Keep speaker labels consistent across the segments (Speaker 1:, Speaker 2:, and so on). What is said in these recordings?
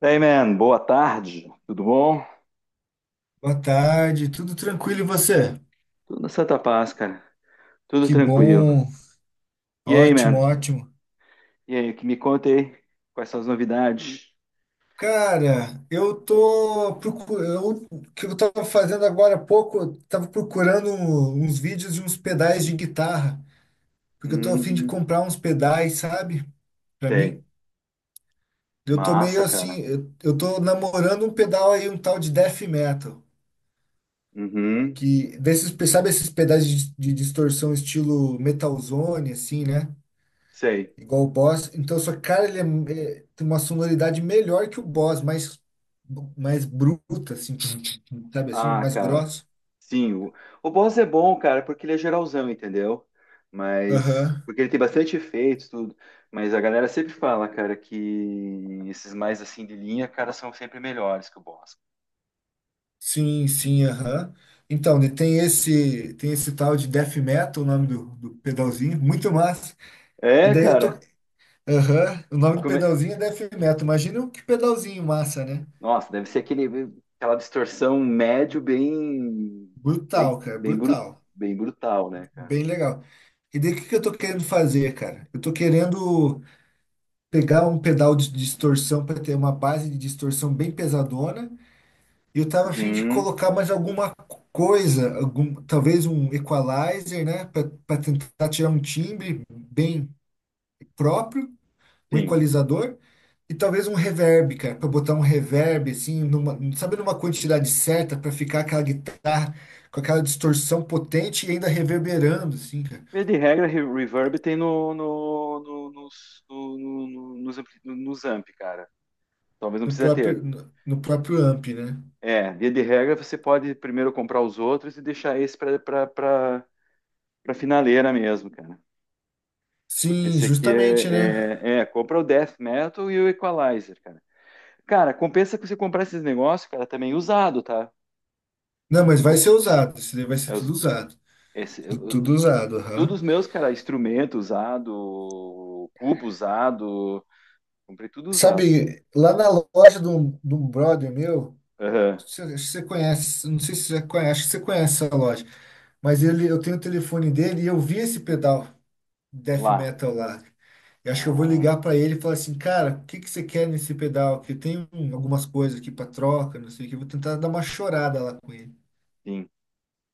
Speaker 1: Hey man, boa tarde, tudo bom?
Speaker 2: Boa tarde, tudo tranquilo e você?
Speaker 1: Tudo na Santa Paz, cara, tudo
Speaker 2: Que
Speaker 1: tranquilo.
Speaker 2: bom,
Speaker 1: E aí,
Speaker 2: ótimo,
Speaker 1: man?
Speaker 2: ótimo.
Speaker 1: E aí, que me conta aí? Quais são as novidades?
Speaker 2: Cara, eu tô procurando, o que eu tava fazendo agora há pouco, eu tava procurando uns vídeos de uns pedais de guitarra, porque eu tô a fim de
Speaker 1: Hum,
Speaker 2: comprar uns pedais, sabe? Pra
Speaker 1: sei.
Speaker 2: mim, eu tô meio
Speaker 1: Massa, cara.
Speaker 2: assim, eu tô namorando um pedal aí, um tal de death metal,
Speaker 1: Uhum,
Speaker 2: que desses, sabe esses pedais de distorção estilo metalzone assim, né?
Speaker 1: sei.
Speaker 2: Igual o Boss. Então, só que, cara, ele tem uma sonoridade melhor que o Boss, mais, bruta, assim, tum, tum, tum, sabe assim,
Speaker 1: Ah,
Speaker 2: mais
Speaker 1: cara,
Speaker 2: grosso.
Speaker 1: sim, o boss é bom, cara, porque ele é geralzão, entendeu? Mas,
Speaker 2: Aham.
Speaker 1: porque ele tem bastante efeitos, tudo. Mas a galera sempre fala, cara, que esses mais assim de linha, cara, são sempre melhores que o boss.
Speaker 2: Sim, sim, aham. Então, né, tem esse tal de Death Metal, o nome do pedalzinho, muito massa. E
Speaker 1: É,
Speaker 2: daí eu tô.
Speaker 1: cara.
Speaker 2: Aham, o
Speaker 1: E
Speaker 2: nome do
Speaker 1: como é-
Speaker 2: pedalzinho é Death Metal. Imagina que pedalzinho massa, né?
Speaker 1: Nossa, deve ser aquele, aquela distorção médio bem, bem,
Speaker 2: Brutal, cara,
Speaker 1: bem, bru-
Speaker 2: brutal.
Speaker 1: bem brutal, né, cara?
Speaker 2: Bem legal. E daí o que que eu tô querendo fazer, cara? Eu tô querendo pegar um pedal de distorção para ter uma base de distorção bem pesadona. E eu tava a fim de
Speaker 1: Uhum,
Speaker 2: colocar mais alguma coisa, algum, talvez um equalizer, né, para tentar tirar um timbre bem próprio, um
Speaker 1: sim.
Speaker 2: equalizador e talvez um reverb, cara, para botar um reverb assim, numa, sabe, numa quantidade certa para ficar aquela guitarra com aquela distorção potente e ainda reverberando assim, cara,
Speaker 1: Via de regra, reverb tem no, no, no- nos, no- no- no- nos, ampli- nos amp, cara. Talvez não
Speaker 2: no
Speaker 1: precisa ter.
Speaker 2: próprio no, no próprio amp, né?
Speaker 1: É, via de regra, você pode primeiro comprar os outros e deixar esse pra finaleira mesmo, cara. Porque
Speaker 2: Sim,
Speaker 1: esse aqui
Speaker 2: justamente, né?
Speaker 1: é, compra o Death Metal e o Equalizer, cara. Cara, compensa que você comprar esses negócios, cara, também usado, tá?
Speaker 2: Não, mas vai ser usado. Isso daí vai ser
Speaker 1: É os-
Speaker 2: tudo usado.
Speaker 1: esse-
Speaker 2: Tudo
Speaker 1: eu-
Speaker 2: usado,
Speaker 1: Todos
Speaker 2: aham.
Speaker 1: os meus, cara, instrumento usado, cubo usado, comprei tudo usado.
Speaker 2: Sabe, lá na loja de um brother meu,
Speaker 1: Aham,
Speaker 2: você, acho que você conhece, não sei se você já conhece, acho que você conhece essa loja, mas ele, eu tenho o telefone dele e eu vi esse pedal death
Speaker 1: lá.
Speaker 2: metal lá. Eu acho que eu vou
Speaker 1: Ah,
Speaker 2: ligar para ele e falar assim, cara, o que que você quer nesse pedal? Que tem algumas coisas aqui para troca, não sei o que. Eu vou tentar dar uma chorada lá com ele,
Speaker 1: sim.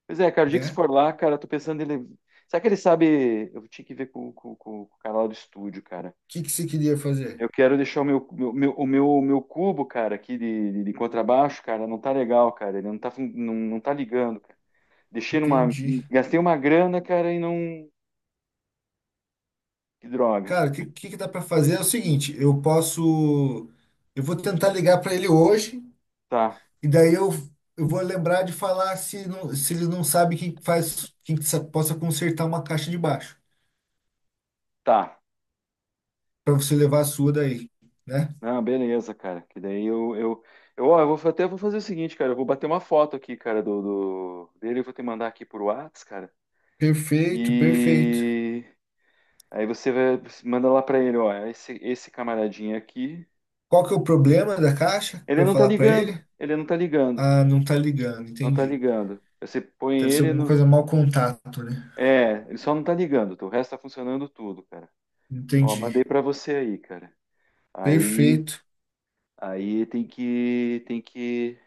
Speaker 1: Pois é, cara, o dia que se
Speaker 2: né?
Speaker 1: for
Speaker 2: O
Speaker 1: lá, cara, eu tô pensando ele. Será que ele sabe? Eu tinha que ver com o cara lá do estúdio, cara.
Speaker 2: que que você queria fazer?
Speaker 1: Eu quero deixar o meu cubo, cara, aqui de contrabaixo, cara, não tá legal, cara. Ele não tá, não tá ligando, cara. Deixei numa.
Speaker 2: Entendi.
Speaker 1: Gastei uma grana, cara, e não. Que droga.
Speaker 2: Cara, o que, que dá para fazer é o seguinte, eu posso, eu vou tentar ligar para ele hoje
Speaker 1: Tá,
Speaker 2: e daí eu vou lembrar de falar se, não, se ele não sabe quem faz, quem que possa consertar uma caixa de baixo
Speaker 1: tá.
Speaker 2: para você levar a sua daí, né?
Speaker 1: Ah, beleza, cara. Que daí eu, ó, até vou fazer o seguinte, cara. Eu vou bater uma foto aqui, cara, dele. Eu vou te mandar aqui por Whats, cara.
Speaker 2: Perfeito, perfeito.
Speaker 1: E aí você manda lá pra ele, ó. Esse camaradinho aqui.
Speaker 2: Qual que é o problema da caixa
Speaker 1: Ele
Speaker 2: para eu
Speaker 1: não tá
Speaker 2: falar para
Speaker 1: ligando.
Speaker 2: ele?
Speaker 1: Ele não tá ligando.
Speaker 2: Ah, não tá ligando,
Speaker 1: Não tá
Speaker 2: entendi.
Speaker 1: ligando. Você põe
Speaker 2: Deve ser
Speaker 1: ele
Speaker 2: alguma
Speaker 1: no.
Speaker 2: coisa mau contato, né?
Speaker 1: É, ele só não tá ligando. Tá? O resto tá funcionando tudo, cara. Ó, mandei
Speaker 2: Entendi.
Speaker 1: pra você aí, cara. Aí,
Speaker 2: Perfeito.
Speaker 1: aí tem que, tem que,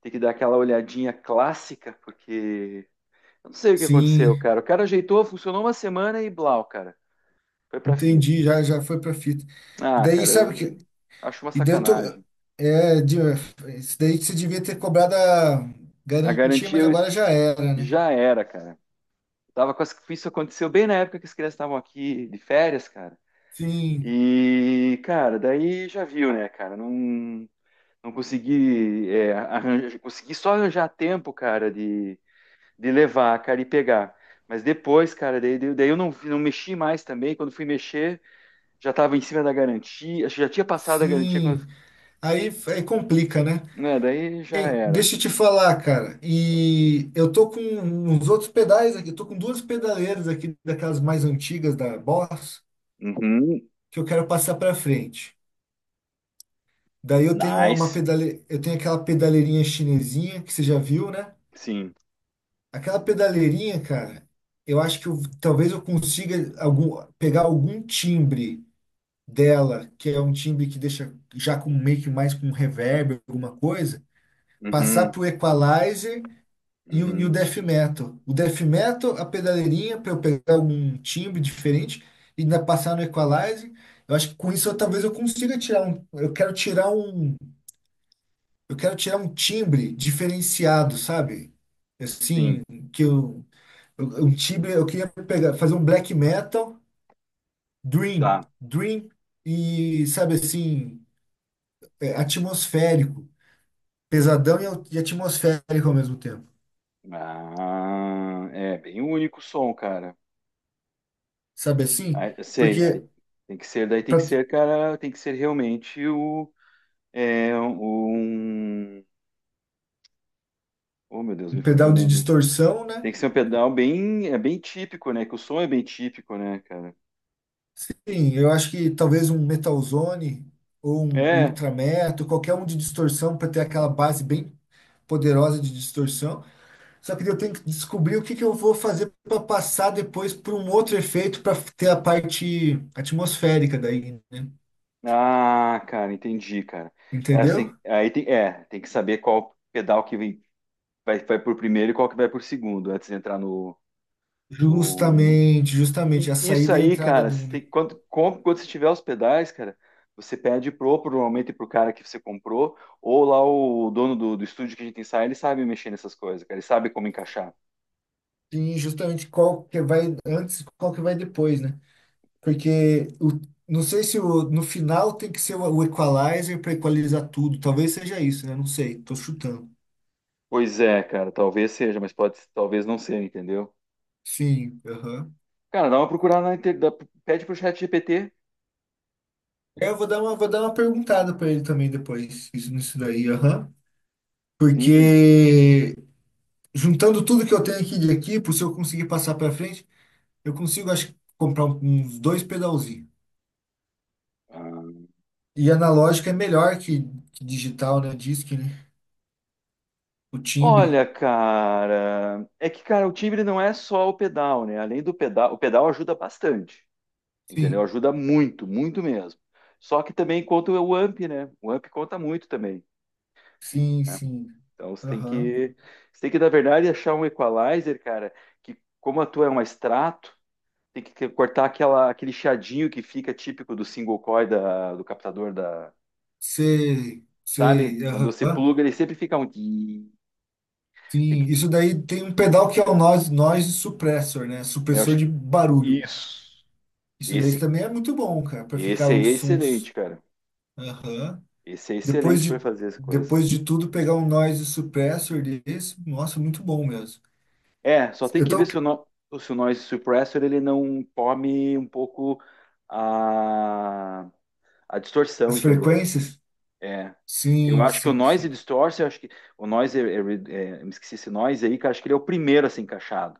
Speaker 1: tem que dar aquela olhadinha clássica, porque eu não sei o que aconteceu,
Speaker 2: Sim,
Speaker 1: cara. O cara ajeitou, funcionou uma semana e blau, cara. Foi pra fita.
Speaker 2: entendi, já foi para fita. E
Speaker 1: Ah,
Speaker 2: daí
Speaker 1: cara,
Speaker 2: sabe que.
Speaker 1: eu acho uma
Speaker 2: E daí eu tô.
Speaker 1: sacanagem.
Speaker 2: É, isso daí você devia ter cobrado a
Speaker 1: A
Speaker 2: garantia,
Speaker 1: garantia
Speaker 2: mas
Speaker 1: eu-
Speaker 2: agora já era, né?
Speaker 1: Já era, cara. Tava com as... isso aconteceu bem na época que as crianças estavam aqui de férias, cara.
Speaker 2: Sim,
Speaker 1: E, cara, daí já viu, né, cara? Não, não consegui, é, arranjar... consegui só arranjar tempo, cara, de levar, cara, e pegar. Mas depois, cara, daí eu não, não mexi mais também. Quando fui mexer, já estava em cima da garantia, acho que já tinha passado a garantia quando...
Speaker 2: sim. Aí complica, né?
Speaker 1: é, daí já
Speaker 2: Hein,
Speaker 1: era.
Speaker 2: deixa eu te falar, cara. E eu tô com uns outros pedais aqui. Eu tô com duas pedaleiras aqui, daquelas mais antigas da Boss,
Speaker 1: Uhum.
Speaker 2: que eu quero passar pra frente. Daí eu tenho
Speaker 1: Nice.
Speaker 2: aquela pedaleirinha chinesinha que você já viu, né?
Speaker 1: Sim.
Speaker 2: Aquela pedaleirinha, cara, eu acho que talvez eu consiga pegar algum timbre dela, que é um timbre que deixa já com meio que mais com reverb, alguma coisa, passar
Speaker 1: Uhum.
Speaker 2: pro equalizer e o
Speaker 1: Uhum.
Speaker 2: death metal. O death metal, a pedaleirinha, para eu pegar algum timbre diferente e ainda passar no equalizer. Eu acho que com isso eu, talvez eu consiga tirar um. Eu quero tirar um. Eu quero tirar um timbre diferenciado, sabe? Assim,
Speaker 1: Sim.
Speaker 2: que eu, um time, eu queria pegar, fazer um black metal, dream,
Speaker 1: Tá.
Speaker 2: dream e, sabe assim, é, atmosférico, pesadão e, e atmosférico ao mesmo tempo,
Speaker 1: Ah, é bem único o som, cara.
Speaker 2: sabe assim?
Speaker 1: Aí, eu sei.
Speaker 2: Porque
Speaker 1: Aí tem que ser, daí tem que
Speaker 2: para
Speaker 1: ser, cara, tem que ser realmente o é um. Oh, meu Deus, me
Speaker 2: um
Speaker 1: fugiu
Speaker 2: pedal
Speaker 1: o
Speaker 2: de
Speaker 1: nome.
Speaker 2: distorção, né?
Speaker 1: Tem que ser um pedal bem, é bem típico, né? Que o som é bem típico, né, cara?
Speaker 2: Sim, eu acho que talvez um metalzone ou um
Speaker 1: É.
Speaker 2: ultra metal, qualquer um de distorção para ter aquela base bem poderosa de distorção. Só que daí eu tenho que descobrir o que que eu vou fazer para passar depois para um outro efeito para ter a parte atmosférica daí, né?
Speaker 1: Ah, cara, entendi, cara. É assim,
Speaker 2: Entendeu?
Speaker 1: aí tem, é, tem que saber qual pedal que vem, vai por primeiro e qual que vai por segundo, antes de entrar no. No...
Speaker 2: Justamente, justamente
Speaker 1: E
Speaker 2: a
Speaker 1: isso
Speaker 2: saída e a
Speaker 1: aí,
Speaker 2: entrada
Speaker 1: cara,
Speaker 2: do um,
Speaker 1: você
Speaker 2: né?
Speaker 1: tem, quando, quando você tiver os pedais, cara, você pede pro, normalmente pro cara que você comprou, ou lá o dono do estúdio que a gente ensaia, ele sabe mexer nessas coisas, cara, ele sabe como encaixar.
Speaker 2: Sim, justamente qual que vai antes, e qual que vai depois, né? Porque o, não sei se o, no final tem que ser o equalizer para equalizar tudo. Talvez seja isso, né? Não sei, tô chutando.
Speaker 1: Pois é, cara, talvez seja, mas pode, talvez não seja, entendeu?
Speaker 2: Sim, aham.
Speaker 1: Cara, dá uma procurada na inter... pede pro chat GPT.
Speaker 2: É, eu vou dar uma perguntada para ele também depois, nisso daí, aham.
Speaker 1: Sim.
Speaker 2: Porque juntando tudo que eu tenho aqui de equipo, se eu conseguir passar para frente, eu consigo, acho, que, comprar uns dois pedalzinhos.
Speaker 1: Ah.
Speaker 2: E analógico é melhor que digital, né? Diz que, né? O timbre.
Speaker 1: Olha, cara, o timbre não é só o pedal, né? Além do pedal, o pedal ajuda bastante. Entendeu?
Speaker 2: Sim,
Speaker 1: Ajuda muito, muito mesmo. Só que também conta o AMP, né? O AMP conta muito também.
Speaker 2: sim,
Speaker 1: Né?
Speaker 2: sim.
Speaker 1: Então você tem
Speaker 2: Aham.
Speaker 1: que, você tem que, na verdade, achar um equalizer, cara, que como a tua é um extrato, tem que cortar aquela, aquele chiadinho que fica típico do single coil do captador da,
Speaker 2: Sei,
Speaker 1: sabe?
Speaker 2: sei.
Speaker 1: Quando você
Speaker 2: Aham.
Speaker 1: pluga, ele sempre fica um. Tem
Speaker 2: Sim,
Speaker 1: que-
Speaker 2: isso daí tem um pedal que é o noise suppressor, né?
Speaker 1: Eu
Speaker 2: Supressor
Speaker 1: acho
Speaker 2: de
Speaker 1: que
Speaker 2: barulho.
Speaker 1: isso.
Speaker 2: Isso daí
Speaker 1: Esse,
Speaker 2: também é muito bom, cara, para ficar
Speaker 1: esse é
Speaker 2: os
Speaker 1: excelente,
Speaker 2: sons.
Speaker 1: cara.
Speaker 2: Aham.
Speaker 1: Esse é
Speaker 2: Depois
Speaker 1: excelente para
Speaker 2: de,
Speaker 1: fazer as coisas.
Speaker 2: depois de tudo, pegar um noise suppressor desse, nossa, muito bom mesmo.
Speaker 1: É, só tem
Speaker 2: Eu
Speaker 1: que ver
Speaker 2: tô.
Speaker 1: se o, no, se o noise suppressor ele não tome um pouco a, a distorção,
Speaker 2: As
Speaker 1: entendeu?
Speaker 2: frequências?
Speaker 1: É. Eu
Speaker 2: Sim,
Speaker 1: acho que o
Speaker 2: sim,
Speaker 1: noise
Speaker 2: sim.
Speaker 1: distorce, eu acho que o noise, me esqueci esse noise aí, que eu acho que ele é o primeiro a ser encaixado.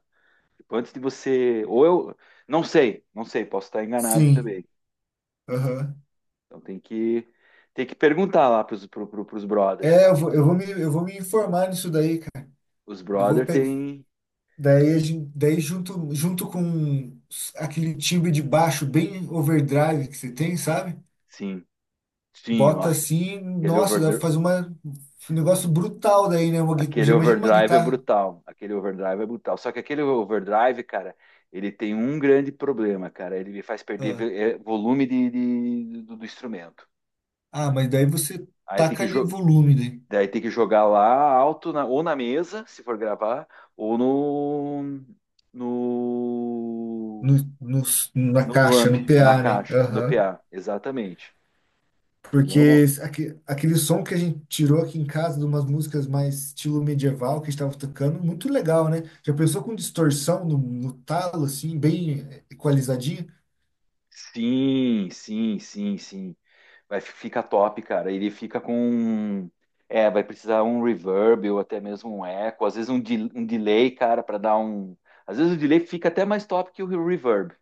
Speaker 1: Tipo, antes de você, ou eu, não sei, não sei, posso estar enganado
Speaker 2: Sim,
Speaker 1: também.
Speaker 2: aham.
Speaker 1: Então tem que perguntar lá pros brothers,
Speaker 2: É, eu
Speaker 1: cara.
Speaker 2: vou, eu vou me, eu vou me informar nisso daí, cara.
Speaker 1: Os
Speaker 2: Eu vou
Speaker 1: brothers
Speaker 2: pegar,
Speaker 1: tem,
Speaker 2: daí, daí junto com aquele timbre de baixo bem overdrive que você tem, sabe?
Speaker 1: sim, sim,
Speaker 2: Bota
Speaker 1: nossa,
Speaker 2: assim,
Speaker 1: aquele
Speaker 2: nossa, dá pra
Speaker 1: over,
Speaker 2: fazer um negócio brutal daí, né?
Speaker 1: aquele
Speaker 2: Já imagina uma
Speaker 1: overdrive é
Speaker 2: guitarra.
Speaker 1: brutal. Aquele overdrive é brutal. Só que aquele overdrive, cara, ele tem um grande problema, cara. Ele me faz perder
Speaker 2: Ah,
Speaker 1: volume do, do instrumento.
Speaker 2: ah, mas daí você
Speaker 1: Aí
Speaker 2: taca ali volume, né?
Speaker 1: daí tem que jogar lá alto, ou na mesa, se for gravar, ou
Speaker 2: no,
Speaker 1: no,
Speaker 2: no- na
Speaker 1: no
Speaker 2: caixa,
Speaker 1: amp,
Speaker 2: no
Speaker 1: na
Speaker 2: PA, né?
Speaker 1: caixa, no
Speaker 2: Aham.
Speaker 1: PA. Exatamente. Que
Speaker 2: Porque
Speaker 1: normal.
Speaker 2: aquele som que a gente tirou aqui em casa de umas músicas mais estilo medieval que a gente estava tocando, muito legal, né? Já pensou com distorção no talo, assim, bem equalizadinho?
Speaker 1: Sim, sim, sim, sim. Vai, fica top, cara. Ele fica com. Um, é, vai precisar um reverb ou até mesmo um eco, às vezes um delay, cara, para dar um. Às vezes o delay fica até mais top que o reverb.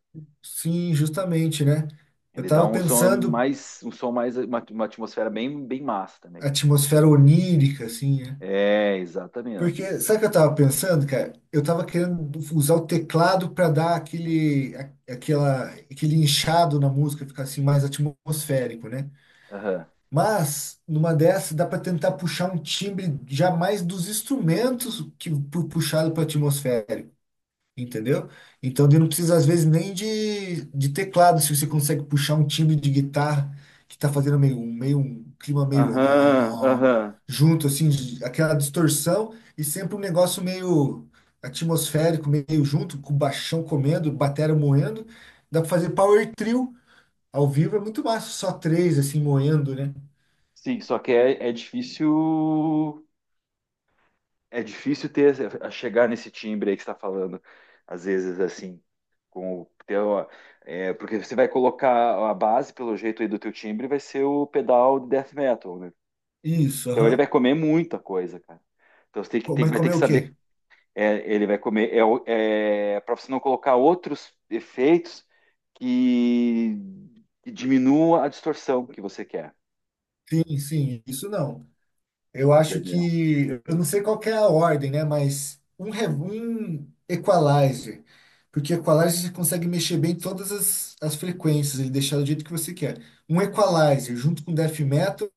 Speaker 2: Sim, justamente, né? Eu
Speaker 1: Ele dá
Speaker 2: tava pensando
Speaker 1: um som mais, uma atmosfera bem, bem massa também.
Speaker 2: a atmosfera onírica, assim, né?
Speaker 1: É,
Speaker 2: Porque,
Speaker 1: exatamente.
Speaker 2: sabe o que eu tava pensando, cara? Eu tava querendo usar o teclado para dar aquele inchado na música, ficar assim mais atmosférico, né?
Speaker 1: Aham,
Speaker 2: Mas, numa dessas, dá para tentar puxar um timbre já mais dos instrumentos que puxado para atmosférico, entendeu? Então, daí não precisa, às vezes, nem de teclado, se você consegue puxar um timbre de guitarra que está fazendo meio, meio um clima meio
Speaker 1: aham,
Speaker 2: ó,
Speaker 1: aham.
Speaker 2: junto, assim, aquela distorção e sempre um negócio meio atmosférico, meio junto, com o baixão comendo, batera moendo. Dá para fazer power trio ao vivo, é muito massa, só três, assim, moendo, né?
Speaker 1: Sim, só que é, é difícil ter a chegar nesse timbre aí que você está falando, às vezes assim, com o teu, é, porque você vai colocar a base pelo jeito aí do teu timbre vai ser o pedal de death metal, né?
Speaker 2: Isso,
Speaker 1: Então ele
Speaker 2: aham.
Speaker 1: vai comer muita coisa, cara. Então você tem que tem-
Speaker 2: Mas
Speaker 1: Vai ter
Speaker 2: comer
Speaker 1: que
Speaker 2: o quê?
Speaker 1: saber, é, ele vai comer é, é, para você não colocar outros efeitos que, que diminua a distorção que você quer,
Speaker 2: Sim, sim, isso não. Eu acho
Speaker 1: entendeu?
Speaker 2: que, eu não sei qual que é a ordem, né? Mas um equalizer, porque equalizer você consegue mexer bem todas as frequências, ele deixar do jeito que você quer. Um equalizer junto com death metal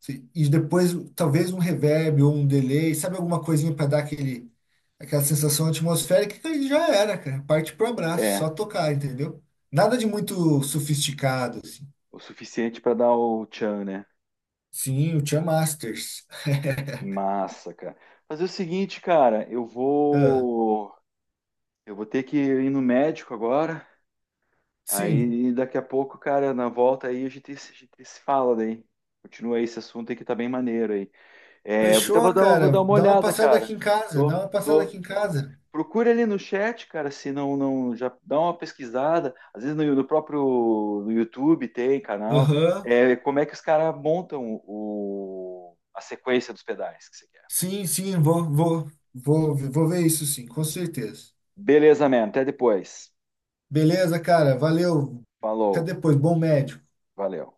Speaker 2: e depois talvez um reverb ou um delay, sabe alguma coisinha para dar aquela sensação atmosférica que já era, cara. Parte pro abraço, só
Speaker 1: É
Speaker 2: tocar, entendeu? Nada de muito sofisticado, assim.
Speaker 1: o suficiente para dar o tchan, né?
Speaker 2: Sim, o Tia Masters.
Speaker 1: Massa, cara. Fazer o seguinte, cara,
Speaker 2: Ah,
Speaker 1: eu vou ter que ir no médico agora.
Speaker 2: sim.
Speaker 1: Aí daqui a pouco, cara, na volta aí a gente se fala daí. Continua aí esse assunto aí que tá bem maneiro aí. É, eu até
Speaker 2: Fechou,
Speaker 1: vou dar
Speaker 2: cara.
Speaker 1: uma
Speaker 2: Dá uma
Speaker 1: olhada,
Speaker 2: passada aqui
Speaker 1: cara.
Speaker 2: em casa. Dá
Speaker 1: Tô,
Speaker 2: uma passada
Speaker 1: tô.
Speaker 2: aqui em casa.
Speaker 1: Procura ali no chat, cara, se não, não, já dá uma pesquisada. Às vezes no YouTube tem canal.
Speaker 2: Aham.
Speaker 1: É, como é que os caras montam o, a sequência dos pedais que você quer.
Speaker 2: Sim, sim, vou ver isso sim, com certeza.
Speaker 1: Beleza, man. Até depois.
Speaker 2: Beleza, cara. Valeu. Até
Speaker 1: Falou,
Speaker 2: depois. Bom médico.
Speaker 1: valeu.